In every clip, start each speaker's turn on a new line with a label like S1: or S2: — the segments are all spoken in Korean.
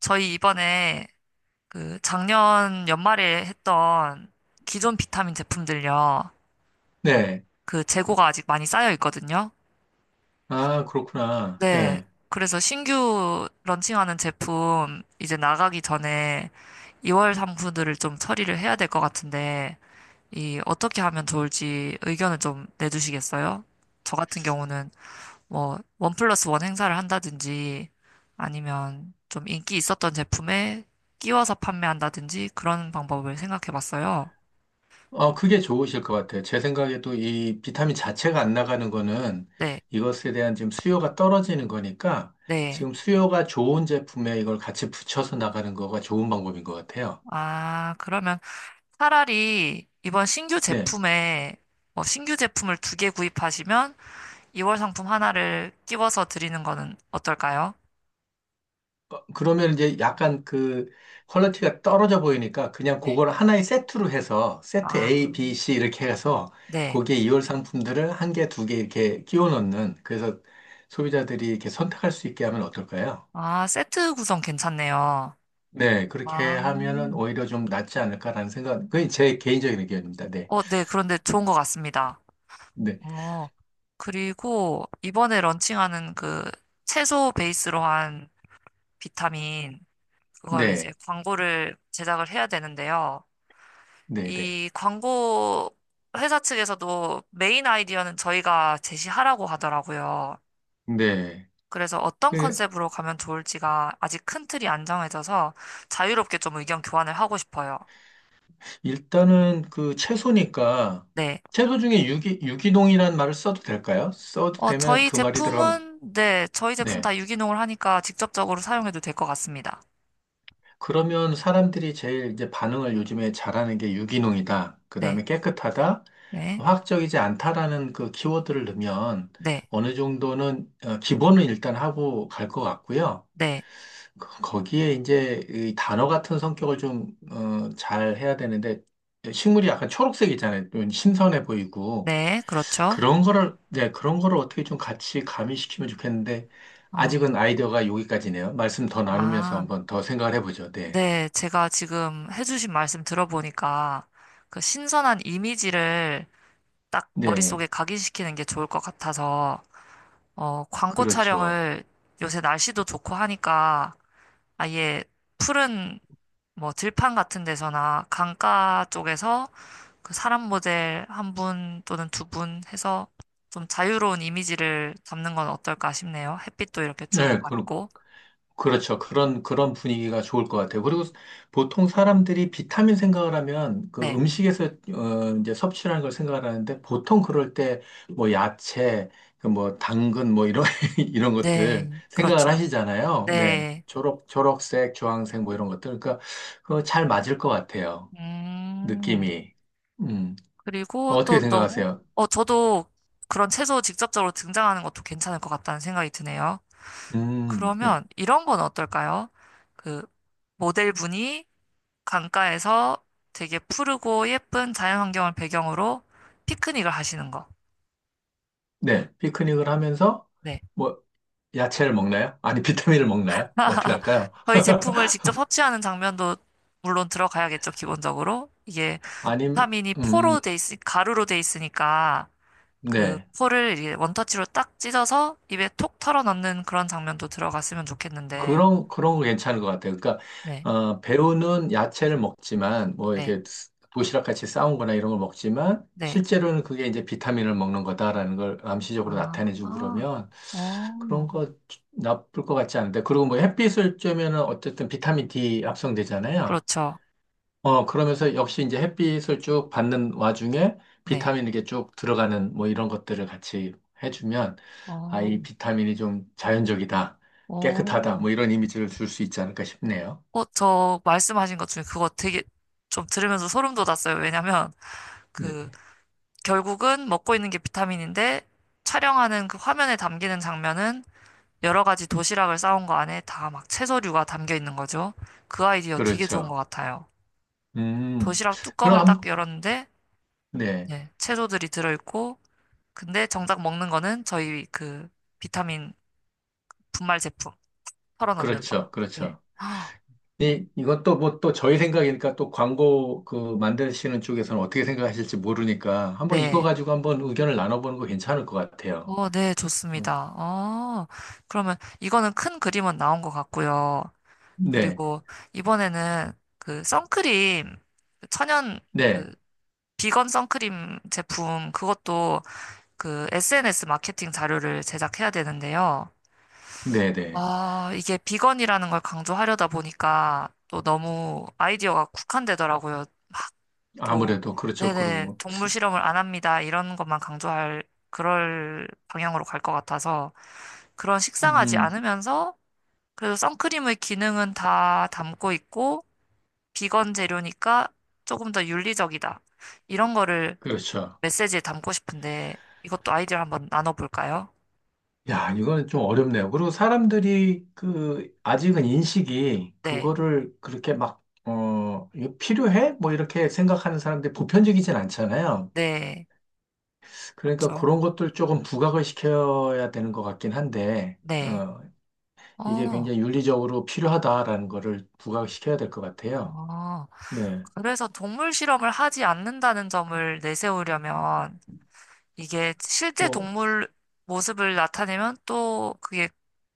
S1: 저희 이번에 그 작년 연말에 했던 기존 비타민 제품들요.
S2: 네.
S1: 그 재고가 아직 많이 쌓여 있거든요.
S2: 아, 그렇구나.
S1: 네.
S2: 네.
S1: 그래서 신규 런칭하는 제품 이제 나가기 전에 2월 상품들을 좀 처리를 해야 될 것 같은데, 이 어떻게 하면 좋을지 의견을 좀 내주시겠어요? 저 같은 경우는 뭐, 1+1 행사를 한다든지 아니면 좀 인기 있었던 제품에 끼워서 판매한다든지 그런 방법을 생각해 봤어요.
S2: 그게 좋으실 것 같아요. 제 생각에도 이 비타민 자체가 안 나가는 거는
S1: 네,
S2: 이것에 대한 지금 수요가 떨어지는 거니까
S1: 네.
S2: 지금 수요가 좋은 제품에 이걸 같이 붙여서 나가는 거가 좋은 방법인 것 같아요.
S1: 아, 그러면 차라리 이번 신규
S2: 네.
S1: 제품에 뭐 신규 제품을 2개 구입하시면 2월 상품 하나를 끼워서 드리는 거는 어떨까요?
S2: 그러면 이제 약간 그 퀄리티가 떨어져 보이니까 그냥
S1: 네.
S2: 그걸 하나의 세트로 해서 세트
S1: 아,
S2: A, B, C 이렇게 해서
S1: 네.
S2: 거기에 이월 상품들을 한 개, 두 개 이렇게 끼워 넣는 그래서 소비자들이 이렇게 선택할 수 있게 하면 어떨까요?
S1: 아, 세트 구성 괜찮네요.
S2: 네, 그렇게
S1: 아,
S2: 하면은 오히려 좀 낫지 않을까라는 생각, 그게 제 개인적인 의견입니다. 네,
S1: 네. 그런데 좋은 것 같습니다.
S2: 네,
S1: 어, 그리고 이번에 런칭하는 그 채소 베이스로 한 비타민, 그거를 이제
S2: 네,
S1: 광고를 제작을 해야 되는데요.
S2: 네, 네,
S1: 이 광고 회사 측에서도 메인 아이디어는 저희가 제시하라고 하더라고요.
S2: 네.
S1: 그래서 어떤
S2: 그
S1: 컨셉으로 가면 좋을지가 아직 큰 틀이 안 정해져서 자유롭게 좀 의견 교환을 하고 싶어요.
S2: 일단은 그 채소니까,
S1: 네.
S2: 채소 중에 유기농이라는 말을 써도 될까요? 써도 되면
S1: 저희
S2: 그 말이 들어가면,
S1: 제품은, 네, 저희 제품
S2: 네.
S1: 다 유기농을 하니까 직접적으로 사용해도 될 것 같습니다.
S2: 그러면 사람들이 제일 이제 반응을 요즘에 잘하는 게 유기농이다, 그
S1: 네.
S2: 다음에 깨끗하다,
S1: 네.
S2: 화학적이지 않다라는 그 키워드를 넣으면
S1: 네,
S2: 어느 정도는, 기본은 일단 하고 갈 것 같고요.
S1: 네,
S2: 거기에 이제 이 단어 같은 성격을 좀, 잘 해야 되는데, 식물이 약간 초록색 있잖아요. 좀 신선해 보이고.
S1: 네, 그렇죠.
S2: 그런 거를, 네, 그런 거를 어떻게 좀 같이 가미시키면 좋겠는데,
S1: 어,
S2: 아직은 아이디어가 여기까지네요. 말씀 더 나누면서
S1: 아,
S2: 한번 더 생각을 해보죠. 네.
S1: 네, 제가 지금 해주신 말씀 들어보니까 그 신선한 이미지를 딱 머릿속에
S2: 네.
S1: 각인시키는 게 좋을 것 같아서, 광고
S2: 그렇죠.
S1: 촬영을 요새 날씨도 좋고 하니까 아예 푸른 뭐 들판 같은 데서나 강가 쪽에서 그 사람 모델 한 분 또는 두 분 해서 좀 자유로운 이미지를 담는 건 어떨까 싶네요. 햇빛도 이렇게 쭉
S2: 네. 그,
S1: 받고,
S2: 그렇죠. 그런, 그런 분위기가 좋을 것 같아요. 그리고 보통 사람들이 비타민 생각을 하면 그
S1: 네.
S2: 음식에서 이제 섭취하는 걸 생각을 하는데 보통 그럴 때 뭐 야채, 그뭐 당근 뭐 이런, 이런 것들
S1: 네,
S2: 생각을
S1: 그렇죠.
S2: 하시잖아요. 네.
S1: 네.
S2: 초록색, 주황색 뭐 이런 것들. 그러니까 그거 잘 맞을 것 같아요.
S1: 음,
S2: 느낌이. 음.
S1: 그리고
S2: 어떻게
S1: 또 너무,
S2: 생각하세요?
S1: 저도 그런 채소 직접적으로 등장하는 것도 괜찮을 것 같다는 생각이 드네요.
S2: 음. 네.
S1: 그러면 이런 건 어떨까요? 그, 모델분이 강가에서 되게 푸르고 예쁜 자연환경을 배경으로 피크닉을 하시는 거.
S2: 네. 피크닉을 하면서
S1: 네.
S2: 뭐 야채를 먹나요? 아니, 비타민을 먹나요? 어떻게 할까요?
S1: 저희 제품을 직접 섭취하는 장면도 물론 들어가야겠죠, 기본적으로. 이게
S2: 아님,
S1: 비타민이
S2: 음,
S1: 포로 돼 있, 가루로 돼 있으니까. 그
S2: 네.
S1: 포를 이렇게 원터치로 딱 찢어서 입에 톡 털어 넣는 그런 장면도 들어갔으면 좋겠는데,
S2: 그런 거 괜찮은 것 같아요. 그러니까,
S1: 네,
S2: 배우는 야채를 먹지만, 뭐,
S1: 네,
S2: 이렇게 도시락 같이 싸온 거나 이런 걸 먹지만,
S1: 네.
S2: 실제로는 그게 이제 비타민을 먹는 거다라는 걸 암시적으로 나타내주고
S1: 아,
S2: 그러면, 그런
S1: 어,
S2: 거 나쁠 것 같지 않은데. 그리고 뭐 햇빛을 쬐면은 어쨌든 비타민 D 합성되잖아요.
S1: 그렇죠.
S2: 그러면서 역시 이제 햇빛을 쭉 받는 와중에
S1: 네,
S2: 비타민 이렇게 쭉 들어가는 뭐 이런 것들을 같이 해주면 아,
S1: 어,
S2: 이 비타민이 좀 자연적이다, 깨끗하다,
S1: 어.
S2: 뭐 이런 이미지를 줄 수 있지 않을까 싶네요.
S1: 저 말씀하신 것 중에 그거 되게 좀 들으면서 소름 돋았어요. 왜냐면
S2: 네.
S1: 그 결국은 먹고 있는 게 비타민인데 촬영하는 그 화면에 담기는 장면은 여러 가지 도시락을 싸온 거 안에 다 막 채소류가 담겨 있는 거죠. 그 아이디어 되게 좋은 것
S2: 그렇죠.
S1: 같아요.
S2: 음,
S1: 도시락
S2: 그럼
S1: 뚜껑을 딱
S2: 한,
S1: 열었는데,
S2: 네.
S1: 네, 채소들이 들어있고, 근데 정작 먹는 거는 저희 그 비타민 분말 제품 털어 넣는 거.
S2: 그렇죠.
S1: 네.
S2: 그렇죠.
S1: 아, 어,
S2: 이건 또 뭐 또 저희 생각이니까 또 광고 그 만드시는 쪽에서는 어떻게 생각하실지 모르니까 한번 이거
S1: 네.
S2: 가지고 한번 의견을 나눠보는 거 괜찮을 것 같아요.
S1: 네,
S2: 어,
S1: 좋습니다. 그러면 이거는 큰 그림은 나온 것 같고요.
S2: 네.
S1: 그리고 이번에는 그 선크림, 그 천연
S2: 네.
S1: 그 비건 선크림 제품 그것도 그 SNS 마케팅 자료를 제작해야 되는데요.
S2: 네. 네.
S1: 아, 이게 비건이라는 걸 강조하려다 보니까 또 너무 아이디어가 국한되더라고요. 막 또,
S2: 아무래도 그렇죠.
S1: 네네,
S2: 그리고
S1: 동물 실험을 안 합니다. 이런 것만 강조할 그럴 방향으로 갈 것 같아서 그런 식상하지
S2: 음,
S1: 않으면서 그래도 선크림의 기능은 다 담고 있고 비건 재료니까 조금 더 윤리적이다. 이런 거를
S2: 그렇죠.
S1: 메시지에 담고 싶은데 이것도 아이디어 한번 나눠볼까요?
S2: 야, 이건 좀 어렵네요. 그리고 사람들이 그 아직은 인식이
S1: 네,
S2: 그거를 그렇게 막 어, 이거 필요해? 뭐 이렇게 생각하는 사람들이 보편적이진 않잖아요.
S1: 네,
S2: 그러니까
S1: 그렇죠.
S2: 그런 것들 조금 부각을 시켜야 되는 것 같긴 한데,
S1: 네.
S2: 이게
S1: 어,
S2: 굉장히 윤리적으로 필요하다라는 거를 부각시켜야 될 것 같아요.
S1: 어.
S2: 네.
S1: 그래서 동물 실험을 하지 않는다는 점을 내세우려면 이게 실제
S2: 뭐,
S1: 동물 모습을 나타내면 또 그게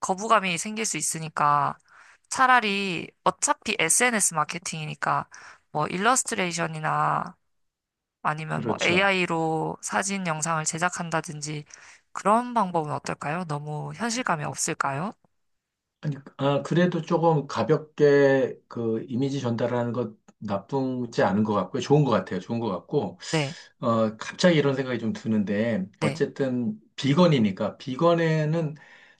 S1: 거부감이 생길 수 있으니까 차라리 어차피 SNS 마케팅이니까 뭐 일러스트레이션이나 아니면 뭐
S2: 그렇죠.
S1: AI로 사진 영상을 제작한다든지 그런 방법은 어떨까요? 너무 현실감이 없을까요?
S2: 아니, 아, 그래도 조금 가볍게 그 이미지 전달하는 것 나쁘지 않은 것 같고요. 좋은 것 같아요. 좋은 것 같고,
S1: 네,
S2: 갑자기 이런 생각이 좀 드는데,
S1: 네,
S2: 어쨌든 비건이니까, 비건에는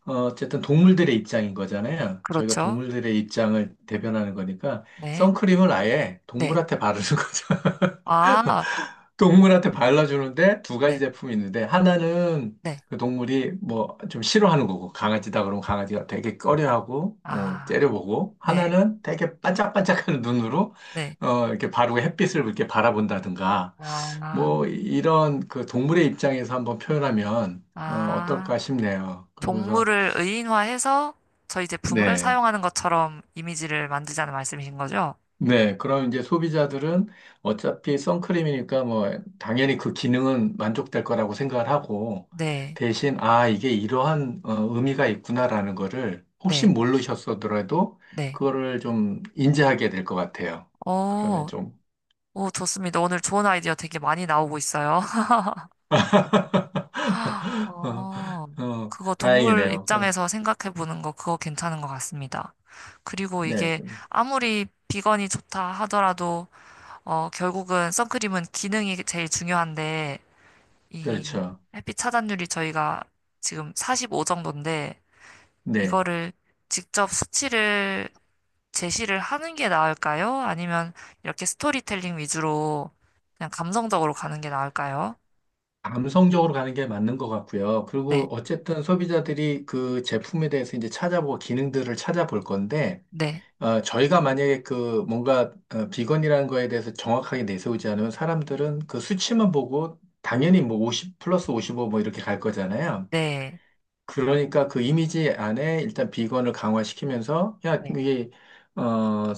S2: 어쨌든 동물들의 입장인 거잖아요. 저희가
S1: 그렇죠.
S2: 동물들의 입장을 대변하는 거니까,
S1: 네,
S2: 선크림을 아예
S1: 네.
S2: 동물한테 바르는 거죠.
S1: 아,
S2: 동물한테 발라주는데 두 가지
S1: 네,
S2: 제품이 있는데 하나는
S1: 네.
S2: 그 동물이 뭐 좀 싫어하는 거고 강아지다 그러면 강아지가 되게 꺼려하고 어,
S1: 아,
S2: 째려보고
S1: 네.
S2: 하나는 되게 반짝반짝하는 눈으로
S1: 네.
S2: 이렇게 바르고 햇빛을 이렇게 바라본다든가
S1: 아,
S2: 뭐 이런 그 동물의 입장에서 한번 표현하면 어,
S1: 아,
S2: 어떨까 싶네요. 그러면서
S1: 동물을 의인화해서 저희 제품을
S2: 네.
S1: 사용하는 것처럼 이미지를 만들자는 말씀이신 거죠?
S2: 네, 그럼 이제 소비자들은 어차피 선크림이니까 뭐 당연히 그 기능은 만족될 거라고 생각을 하고
S1: 네,
S2: 대신 아, 이게 이러한 어, 의미가 있구나라는 거를 혹시
S1: 네,
S2: 모르셨어더라도
S1: 네.
S2: 그거를 좀 인지하게 될 것 같아요. 그러면
S1: 어,
S2: 좀,
S1: 오, 좋습니다. 오늘 좋은 아이디어 되게 많이 나오고 있어요. 어,
S2: 어, 어,
S1: 그거 동물
S2: 다행이네요.
S1: 입장에서 생각해 보는 거 그거 괜찮은 것 같습니다. 그리고
S2: 네,
S1: 이게 아무리 비건이 좋다 하더라도 결국은 선크림은 기능이 제일 중요한데 이
S2: 그렇죠.
S1: 햇빛 차단율이 저희가 지금 45 정도인데
S2: 네.
S1: 이거를 직접 수치를 제시를 하는 게 나을까요? 아니면 이렇게 스토리텔링 위주로 그냥 감성적으로 가는 게 나을까요?
S2: 감성적으로 가는 게 맞는 것 같고요.
S1: 네,
S2: 그리고 어쨌든 소비자들이 그 제품에 대해서 이제 찾아보고 기능들을 찾아볼 건데
S1: 네,
S2: 아, 저희가 만약에 그 뭔가 어, 비건이라는 거에 대해서 정확하게 내세우지 않으면 사람들은 그 수치만 보고 당연히 뭐 50 플러스 55 뭐 이렇게 갈 거잖아요.
S1: 네,
S2: 그러니까 그 이미지 안에 일단 비건을 강화시키면서 야,
S1: 네,
S2: 이게 어,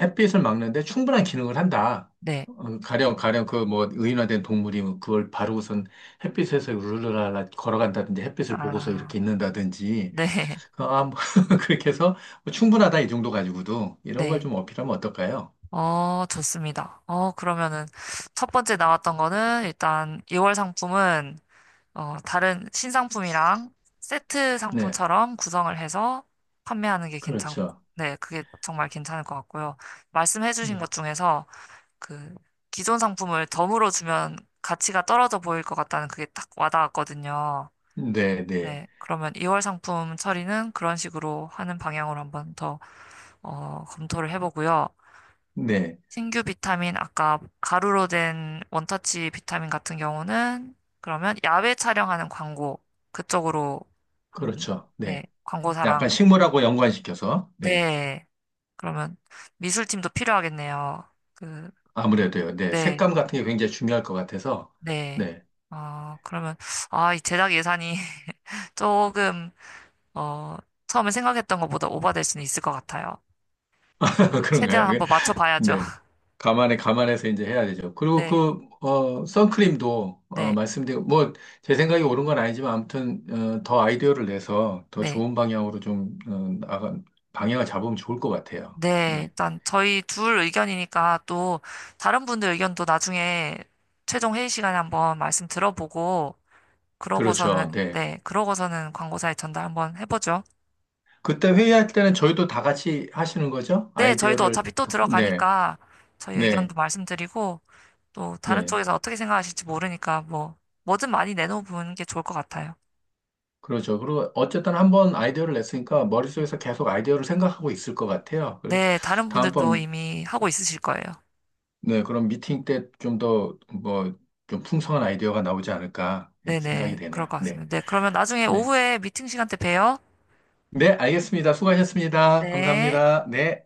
S2: 햇빛을 막는데 충분한 기능을 한다.
S1: 네,
S2: 어, 가령 그 뭐 의인화된 동물이 그걸 바르고선 햇빛에서 우르르라 걸어간다든지 햇빛을 보고서
S1: 아,
S2: 이렇게 있는다든지
S1: 네,
S2: 어, 아, 뭐 그렇게 해서 뭐 충분하다 이 정도 가지고도 이런 걸
S1: 네.
S2: 좀 어필하면 어떨까요?
S1: 좋습니다. 그러면은 첫 번째 나왔던 거는 일단 2월 상품은 다른 신상품이랑 세트
S2: 네,
S1: 상품처럼 구성을 해서 판매하는 게 괜찮고,
S2: 그렇죠.
S1: 네, 그게 정말 괜찮을 것 같고요. 말씀해주신
S2: 네,
S1: 것 중에서 그 기존 상품을 덤으로 주면 가치가 떨어져 보일 것 같다는 그게 딱 와닿았거든요.
S2: 네, 네,
S1: 네, 그러면 2월 상품 처리는 그런 식으로 하는 방향으로 한번 더, 검토를 해보고요.
S2: 네,
S1: 신규 비타민, 아까 가루로 된 원터치 비타민 같은 경우는 그러면 야외 촬영하는 광고, 그쪽으로 한번,
S2: 그렇죠.
S1: 네,
S2: 네, 약간
S1: 광고사랑,
S2: 식물하고 연관시켜서 네,
S1: 네, 그러면 미술팀도 필요하겠네요. 그,
S2: 아무래도요. 네,
S1: 네,
S2: 색감 같은 게 굉장히 중요할 것 같아서
S1: 네.
S2: 네,
S1: 그러면, 아, 이 제작 예산이 조금, 어, 처음에 생각했던 것보다 오버될 수는 있을 것 같아요. 그래도
S2: 그런가요?
S1: 최대한 한번 맞춰봐야죠.
S2: 네. 감안해서 이제 해야 되죠. 그리고
S1: 네,
S2: 그, 선크림도,
S1: 네,
S2: 말씀드린, 뭐, 제 생각이 옳은 건 아니지만, 아무튼, 더 아이디어를 내서 더
S1: 네.
S2: 좋은 방향으로 좀, 나가, 방향을 잡으면 좋을 것 같아요.
S1: 네,
S2: 네.
S1: 일단 저희 둘 의견이니까 또 다른 분들 의견도 나중에 최종 회의 시간에 한번 말씀 들어보고
S2: 그렇죠.
S1: 그러고서는
S2: 네.
S1: 네, 그러고서는 광고사에 전달 한번 해보죠.
S2: 그때 회의할 때는 저희도 다 같이 하시는 거죠?
S1: 네, 저희도
S2: 아이디어를,
S1: 어차피 또
S2: 듣고. 네.
S1: 들어가니까 저희
S2: 네.
S1: 의견도 말씀드리고 또 다른
S2: 네.
S1: 쪽에서 어떻게 생각하실지 모르니까 뭐 뭐든 많이 내놓는 게 좋을 것 같아요.
S2: 그렇죠. 그리고 어쨌든 한 번 아이디어를 냈으니까
S1: 네,
S2: 머릿속에서 계속 아이디어를 생각하고 있을 것 같아요. 그리고
S1: 네, 다른 분들도
S2: 다음번
S1: 이미 하고 있으실 거예요.
S2: 네, 그럼 미팅 때 좀 더 뭐 좀 풍성한 아이디어가 나오지 않을까 이렇게 생각이
S1: 네네, 그럴
S2: 되네요.
S1: 것
S2: 네,
S1: 같습니다. 네, 그러면 나중에
S2: 네,
S1: 오후에 미팅 시간 때 봬요.
S2: 네, 알겠습니다. 수고하셨습니다.
S1: 네.
S2: 감사합니다. 네.